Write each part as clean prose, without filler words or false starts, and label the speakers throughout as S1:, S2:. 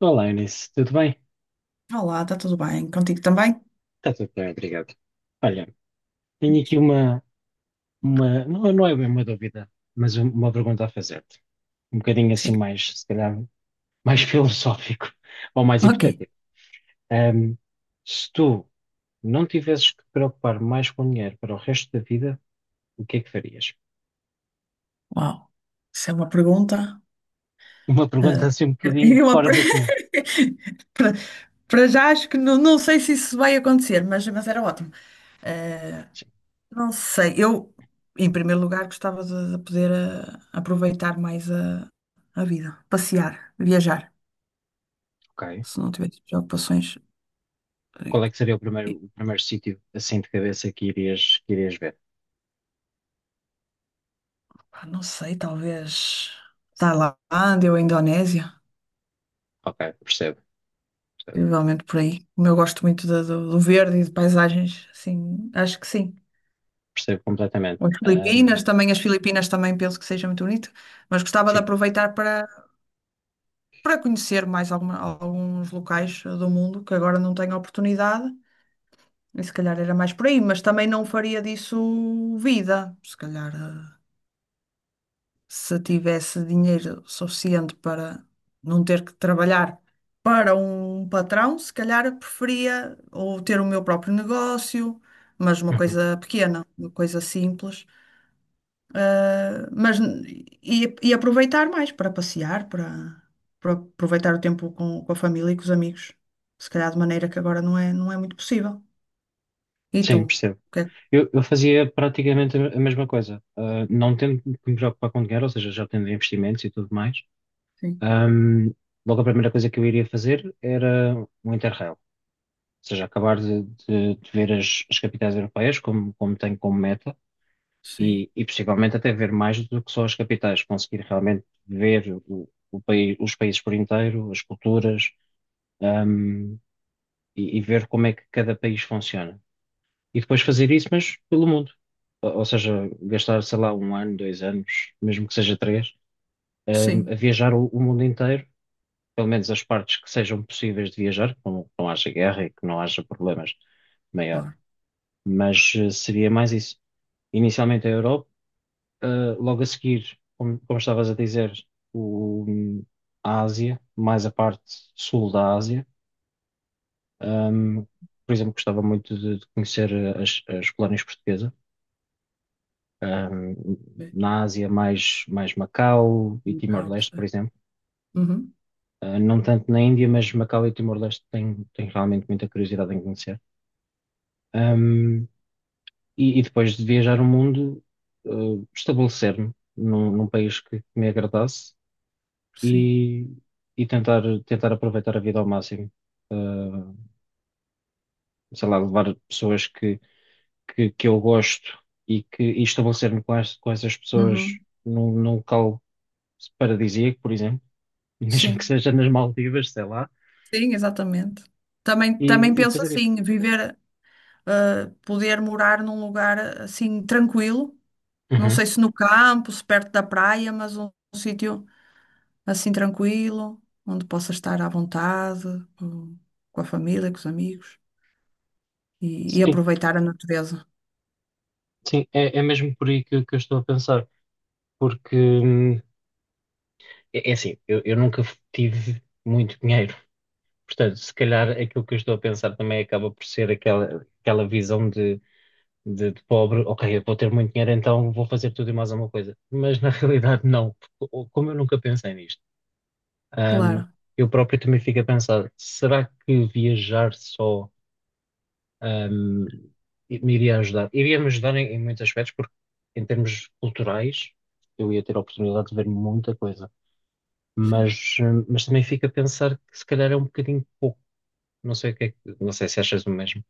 S1: Olá, Inês, tudo bem?
S2: Olá, está tudo bem? Contigo também?
S1: Está tudo bem, obrigado. Olha, tenho aqui
S2: Diz.
S1: uma não, não é bem uma dúvida, mas uma pergunta a fazer-te. Um bocadinho assim
S2: Sim.
S1: mais, se calhar, mais filosófico ou mais
S2: Ok,
S1: hipotético. Ahm, Se tu não tivesses que te preocupar mais com dinheiro para o resto da vida, o que é que farias?
S2: uau. Isso é uma pergunta.
S1: Uma
S2: ah,
S1: pergunta assim um bocadinho
S2: eu a-
S1: fora do comum.
S2: para, para já acho que não sei se isso vai acontecer, mas era ótimo.
S1: Sim,
S2: Ah, não sei, eu, em primeiro lugar, gostava de poder aproveitar mais a vida, passear, viajar,
S1: ok.
S2: se não tivesse preocupações. eh,
S1: Qual é que seria
S2: eh,
S1: o primeiro sítio assim de cabeça que irias ver?
S2: pá, não sei, talvez Tailândia ou Indonésia.
S1: Ok, percebo, percebo,
S2: Provavelmente por aí. Como eu gosto muito do verde e de paisagens, assim, acho que sim.
S1: percebo completamente.
S2: Ou as Filipinas também, as Filipinas também penso que seja muito bonito, mas gostava de
S1: Sim.
S2: aproveitar para conhecer mais alguns locais do mundo que agora não tenho oportunidade, e se calhar era mais por aí, mas também não faria disso vida, se calhar. Se tivesse dinheiro suficiente para não ter que trabalhar para um patrão, se calhar preferia ou ter o meu próprio negócio, mas uma
S1: Uhum.
S2: coisa pequena, uma coisa simples, e aproveitar mais para passear, para aproveitar o tempo com a família e com os amigos, se calhar de maneira que agora não é muito possível. E tu?
S1: Sim, percebo.
S2: O que é que...
S1: Eu fazia praticamente a mesma coisa. Não tendo que me preocupar com dinheiro, ou seja, já tendo investimentos e tudo mais,
S2: Sim,
S1: ahm, logo a primeira coisa que eu iria fazer era um Interrail. Ou seja, acabar de ver as, as capitais europeias, como, como tenho como meta,
S2: sim,
S1: e possivelmente até ver mais do que só as capitais, conseguir realmente ver o país, os países por inteiro, as culturas, ahm, e ver como é que cada país funciona. E depois fazer isso, mas pelo mundo. Ou seja, gastar, sei lá, um ano, dois anos, mesmo que seja três,
S2: sim,
S1: a viajar o mundo inteiro, pelo menos as partes que sejam possíveis de viajar, que não haja guerra e que não haja problemas maior.
S2: claro.
S1: Mas seria mais isso. Inicialmente a Europa, eh, logo a seguir, como, como estavas a dizer, o, a Ásia, mais a parte sul da Ásia. Hum, por exemplo, gostava muito de conhecer as, as colónias portuguesas ahm,
S2: Bem,
S1: na Ásia mais Macau e
S2: um bocado,
S1: Timor-Leste, por
S2: sim.
S1: exemplo.
S2: Uhum,
S1: Não tanto na Índia, mas Macau e Timor-Leste tenho, tenho realmente muita curiosidade em conhecer. Ahm, e, e depois de viajar o mundo, ah, estabelecer-me num, num país que me agradasse
S2: sim.
S1: e, e tentar, tentar aproveitar a vida ao máximo. Ah, Sei lá, levar pessoas que, que eu gosto e que e estabelecer-me com, com essas pessoas
S2: Uhum,
S1: num, num local paradisíaco, por exemplo, mesmo que
S2: sim.
S1: seja nas Maldivas, sei lá,
S2: Sim, exatamente. Também, também
S1: e
S2: penso
S1: fazer isso.
S2: assim, viver, poder morar num lugar assim tranquilo. Não
S1: Uhum.
S2: sei se no campo, se perto da praia, mas um sítio assim tranquilo, onde possa estar à vontade, com, com a família, com os amigos e
S1: Sim,
S2: aproveitar a natureza.
S1: sim, é, é mesmo por aí que eu estou a pensar, porque é, é assim, eu nunca tive muito dinheiro, portanto, se calhar aquilo que eu estou a pensar também acaba por ser aquela, aquela visão de, de pobre, ok, eu vou ter muito dinheiro, então vou fazer tudo e mais alguma coisa, mas na realidade não, porque, como eu nunca pensei nisto, hum,
S2: Claro,
S1: eu próprio também fico a pensar, será que viajar só ahm, e me iria ajudar. Iria-me ajudar em, em muitos aspectos, porque em termos culturais eu ia ter a oportunidade de ver muita coisa.
S2: sim.
S1: Mas também fica a pensar que se calhar é um bocadinho pouco. Não sei o que é que, não sei se achas o mesmo.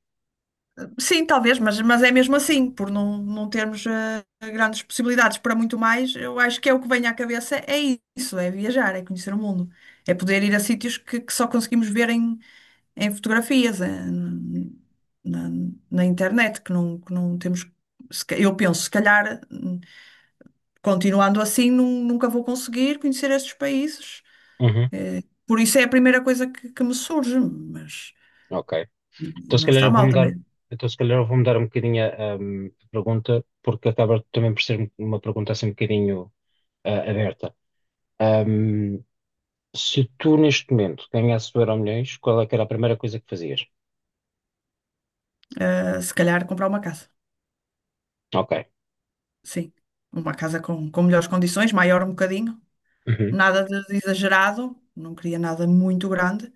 S2: Sim, talvez, mas é mesmo assim, por não termos grandes possibilidades para muito mais, eu acho que é o que vem à cabeça, é isso, é viajar, é conhecer o mundo, é poder ir a sítios que só conseguimos ver em fotografias, na, na internet, que não temos, se ca- eu penso, se calhar, continuando assim, nunca vou conseguir conhecer estes países,
S1: Uhum,
S2: por isso é a primeira coisa que me surge, mas
S1: ok. Então se
S2: não
S1: calhar
S2: está
S1: eu vou
S2: mal
S1: mudar,
S2: também,
S1: então se calhar eu vou mudar um bocadinho a pergunta, porque acaba também por ser uma pergunta assim um bocadinho aberta. Hum, Se tu neste momento ganhasses o Euromilhões, qual é que era a primeira coisa que fazias?
S2: se calhar comprar uma casa.
S1: Ok.
S2: Sim, uma casa com melhores condições, maior um bocadinho,
S1: Uhum,
S2: nada de de exagerado, não queria nada muito grande,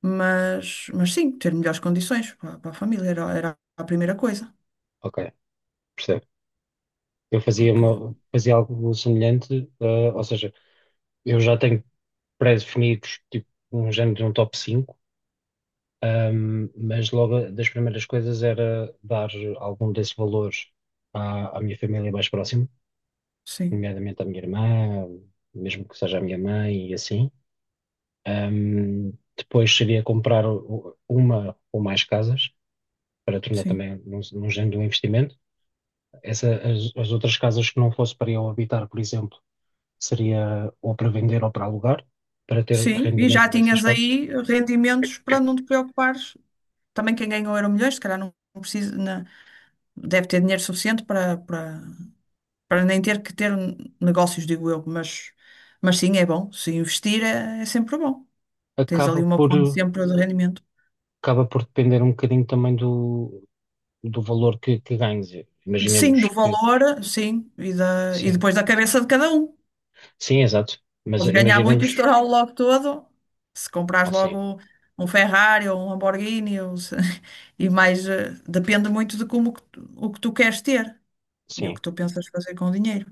S2: mas sim, ter melhores condições para a família era a primeira coisa,
S1: ok. Percebe? Eu fazia,
S2: porque
S1: uma, fazia algo semelhante, ou seja, eu já tenho pré-definidos, tipo, um género de um top 5 mas das primeiras coisas era dar algum desses valores à, à minha família mais próxima,
S2: sim,
S1: nomeadamente à minha irmã, mesmo que seja a minha mãe e assim. Depois seria comprar uma ou mais casas, para tornar
S2: sim,
S1: também num, num género de um investimento. Essa, as outras casas que não fosse para eu habitar, por exemplo, seria ou para vender ou para alugar, para ter
S2: sim, e já
S1: rendimento dessas
S2: tinhas
S1: casas,
S2: aí rendimentos para não te preocupares. Também quem ganhou Euromilhões, se calhar não precisa, deve ter dinheiro suficiente para nem ter que ter negócios, digo eu, mas sim, é bom, se investir é sempre bom. Tens ali
S1: acaba
S2: uma fonte
S1: por,
S2: sempre de rendimento.
S1: acaba por depender um bocadinho também do, do valor que ganhes.
S2: Sim, do
S1: Imaginemos que,
S2: valor, sim, e
S1: sim,
S2: depois da cabeça de cada um.
S1: sim, exato, mas
S2: Podes ganhar muito e
S1: imaginemos,
S2: estourá-lo logo todo. Se comprares
S1: sim,
S2: logo um Ferrari ou um Lamborghini, ou se- e mais, depende muito de como o que tu queres ter e o
S1: sim.
S2: que tu pensas fazer com o dinheiro.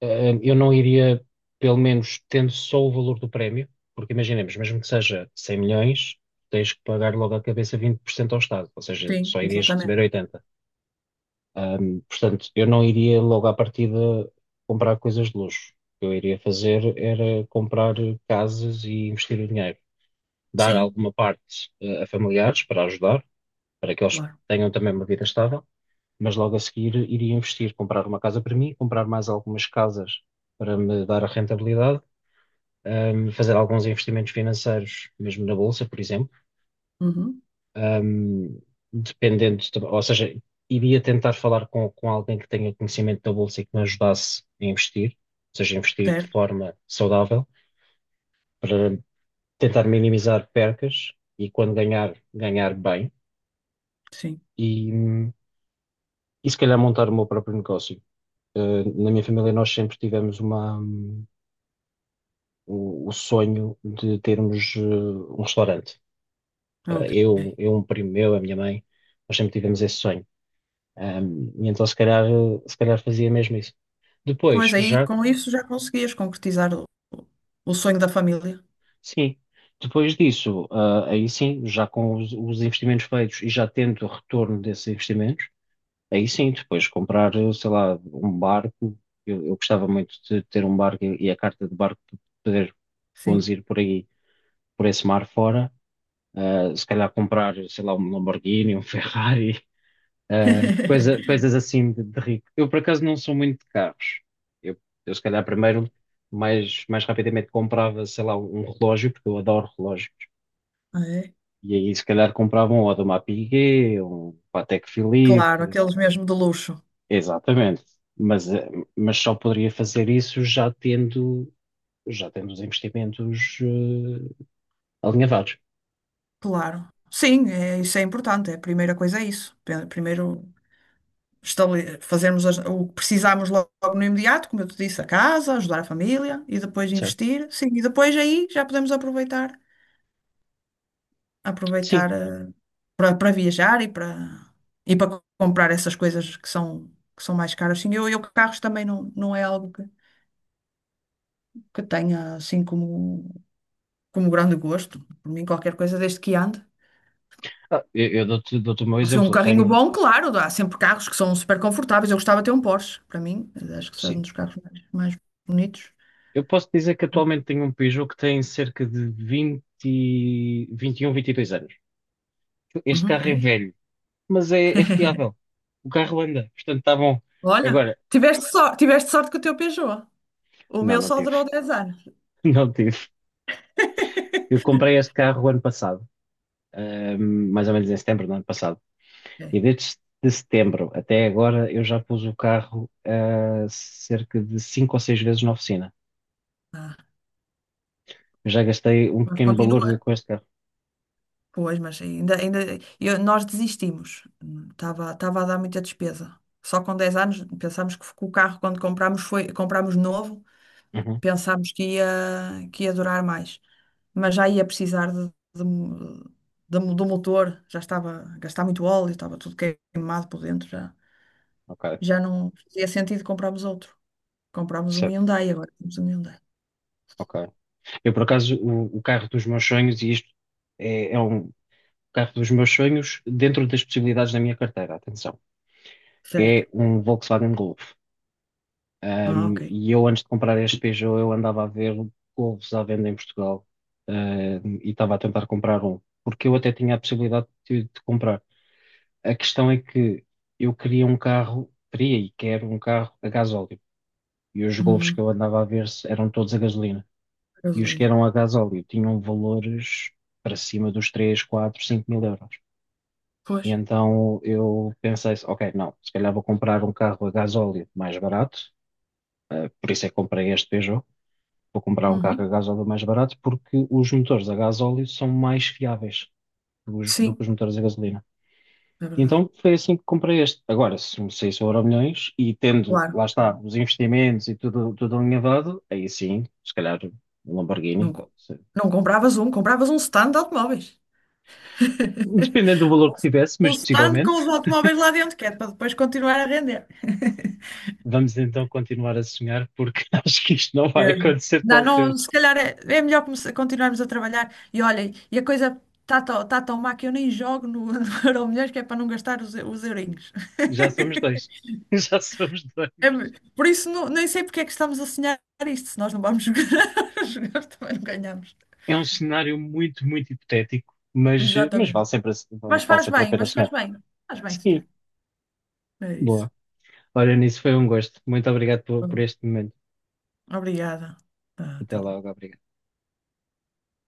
S1: Eu não iria, pelo menos tendo só o valor do prémio, porque imaginemos, mesmo que seja 100 milhões, tens que pagar logo à cabeça 20% ao Estado, ou seja,
S2: Sim,
S1: só irias
S2: exatamente.
S1: receber 80. Portanto, eu não iria logo à partida comprar coisas de luxo. O que eu iria fazer era comprar casas e investir o dinheiro. Dar
S2: Sim,
S1: alguma parte, a familiares para ajudar, para que eles
S2: claro.
S1: tenham também uma vida estável, mas logo a seguir iria investir, comprar uma casa para mim, comprar mais algumas casas para me dar a rentabilidade, fazer alguns investimentos financeiros, mesmo na bolsa, por exemplo.
S2: Uhum,
S1: ahm, Dependente, ou seja, iria tentar falar com alguém que tenha conhecimento da bolsa e que me ajudasse a investir, ou seja, investir de
S2: certo,
S1: forma saudável, para tentar minimizar percas e quando ganhar, ganhar bem
S2: sim.
S1: e, hum, e se calhar montar o meu próprio negócio. Na minha família nós sempre tivemos o sonho de termos um restaurante. Eh,
S2: Ok.
S1: eu, eu, um primo meu, a minha mãe, nós sempre tivemos esse sonho. E então se calhar, se calhar fazia mesmo isso. Depois,
S2: Pois aí,
S1: já,
S2: com isso já conseguias concretizar o sonho da família.
S1: sim, depois disso, aí sim, já com os investimentos feitos e já tendo o retorno desses investimentos, aí sim, depois comprar, sei lá, um barco. Eu gostava muito de ter um barco e a carta de barco para poder
S2: Sim.
S1: conduzir por aí, por esse mar fora. Se calhar comprar, sei lá, um Lamborghini, um Ferrari, coisas assim de rico. Eu, por acaso, não sou muito de carros. Eu, eu se calhar, primeiro, mais, mais rapidamente comprava, sei lá, um relógio, porque eu adoro relógios.
S2: É,
S1: E aí, se calhar, comprava um Audemars Piguet, um Patek
S2: claro,
S1: Philippe.
S2: aqueles mesmo de luxo.
S1: Exatamente. Mas, eh, mas só poderia fazer isso já tendo os investimentos, alinhavados,
S2: Claro. Sim, é, isso é importante. É a primeira coisa é isso. Primeiro fazermos o que precisamos logo no imediato, como eu te disse, a casa, ajudar a família e depois
S1: certo?
S2: investir. Sim, e depois aí já podemos aproveitar,
S1: Sim.
S2: aproveitar para viajar e para comprar essas coisas que são mais caras. Sim, eu carros também não é algo que tenha assim como grande gosto. Por mim qualquer coisa desde que ande.
S1: Eu dou-te o meu
S2: Foi um
S1: exemplo.
S2: carrinho bom, claro, há sempre carros que são super confortáveis. Eu gostava de ter um Porsche, para mim, acho que são um
S1: Sim.
S2: dos carros mais bonitos.
S1: Eu posso dizer que atualmente tenho um Peugeot que tem cerca de 20, 21, 22 anos. Este
S2: Uhum,
S1: carro é
S2: é.
S1: velho, mas é, é fiável. O carro anda, portanto está bom.
S2: Olha,
S1: Agora, se-
S2: tiveste sorte com o teu Peugeot. O
S1: não,
S2: meu
S1: não
S2: só
S1: tive.
S2: durou dez anos.
S1: Não tive. Eu comprei este carro o ano passado, mais ou menos em setembro do ano passado.
S2: É.
S1: E desde de setembro até agora eu já pus o carro cerca de 5 ou 6 vezes na oficina.
S2: Ah,
S1: Eu já gastei um
S2: mas
S1: pequeno valor
S2: continua.
S1: com este carro.
S2: Pois, nós desistimos. Estava a dar muita despesa. Só com 10 anos pensámos que o carro, quando comprámos, foi, comprámos novo.
S1: Uhum.
S2: Pensámos que ia durar mais, mas já ia precisar de- do motor, já estava a gastar muito óleo, estava tudo queimado por dentro, já,
S1: Ok,
S2: já não fazia sentido comprarmos outro. Comprámos um
S1: certo.
S2: Hyundai, agora temos um Hyundai.
S1: Ok. Eu, por acaso, o carro dos meus sonhos, e isto é, é um carro dos meus sonhos dentro das possibilidades da minha carteira, atenção,
S2: Certo.
S1: é um Volkswagen Golf.
S2: Ah, ok.
S1: E eu, antes de comprar este Peugeot, eu andava a ver Golfs à venda em Portugal, e estava a tentar comprar um, porque eu até tinha a possibilidade de comprar. A questão é que eu queria um carro, queria e quero um carro a gasóleo. E os Golfs que
S2: Uhum.
S1: eu andava a ver eram todos a gasolina. E os que
S2: Gasolina.
S1: eram a gasóleo tinham valores para cima dos 3, 4, 5 mil euros.
S2: Pois.
S1: E então eu pensei, ok, não, se calhar vou comprar um carro a gasóleo mais barato, por isso é que comprei este Peugeot, vou comprar um carro a
S2: Uhum.
S1: gasóleo mais barato porque os motores a gasóleo são mais fiáveis do, do que
S2: Sim,
S1: os motores a gasolina.
S2: é
S1: E
S2: verdade.
S1: então foi assim que comprei este. Agora, se me saísse o Euromilhões e tendo,
S2: Claro.
S1: lá está, os investimentos e tudo, tudo alinhavado, aí sim, se calhar um
S2: Não,
S1: Lamborghini.
S2: co- não compravas um, compravas um stand de automóveis.
S1: Dependendo do valor que tivesse,
S2: Um
S1: mas
S2: stand com
S1: possivelmente.
S2: os automóveis lá dentro, que é para depois continuar a render.
S1: Vamos então continuar a sonhar, porque acho que isto não vai
S2: Mesmo.
S1: acontecer tão cedo.
S2: Não, Se calhar é, é melhor continuarmos a trabalhar. E olhem, e a coisa está tão, tá tão má que eu nem jogo no, no Euromilhões, que é para não gastar os eurinhos.
S1: Já somos dois. Já somos dois.
S2: É me- por isso, não, nem sei porque é que estamos a sonhar isto, se nós não vamos jogar, jogar também não ganhamos.
S1: É um cenário muito, muito hipotético, mas
S2: Exatamente.
S1: vale sempre,
S2: Mas
S1: vale
S2: faz
S1: sempre a
S2: bem,
S1: pena
S2: mas faz
S1: sonhar.
S2: bem. Faz bem sonhar.
S1: Sim,
S2: É isso.
S1: boa. Olha, nisso foi um gosto. Muito obrigado por este momento.
S2: Obrigada. Ah,
S1: Até
S2: até logo.
S1: logo, obrigado.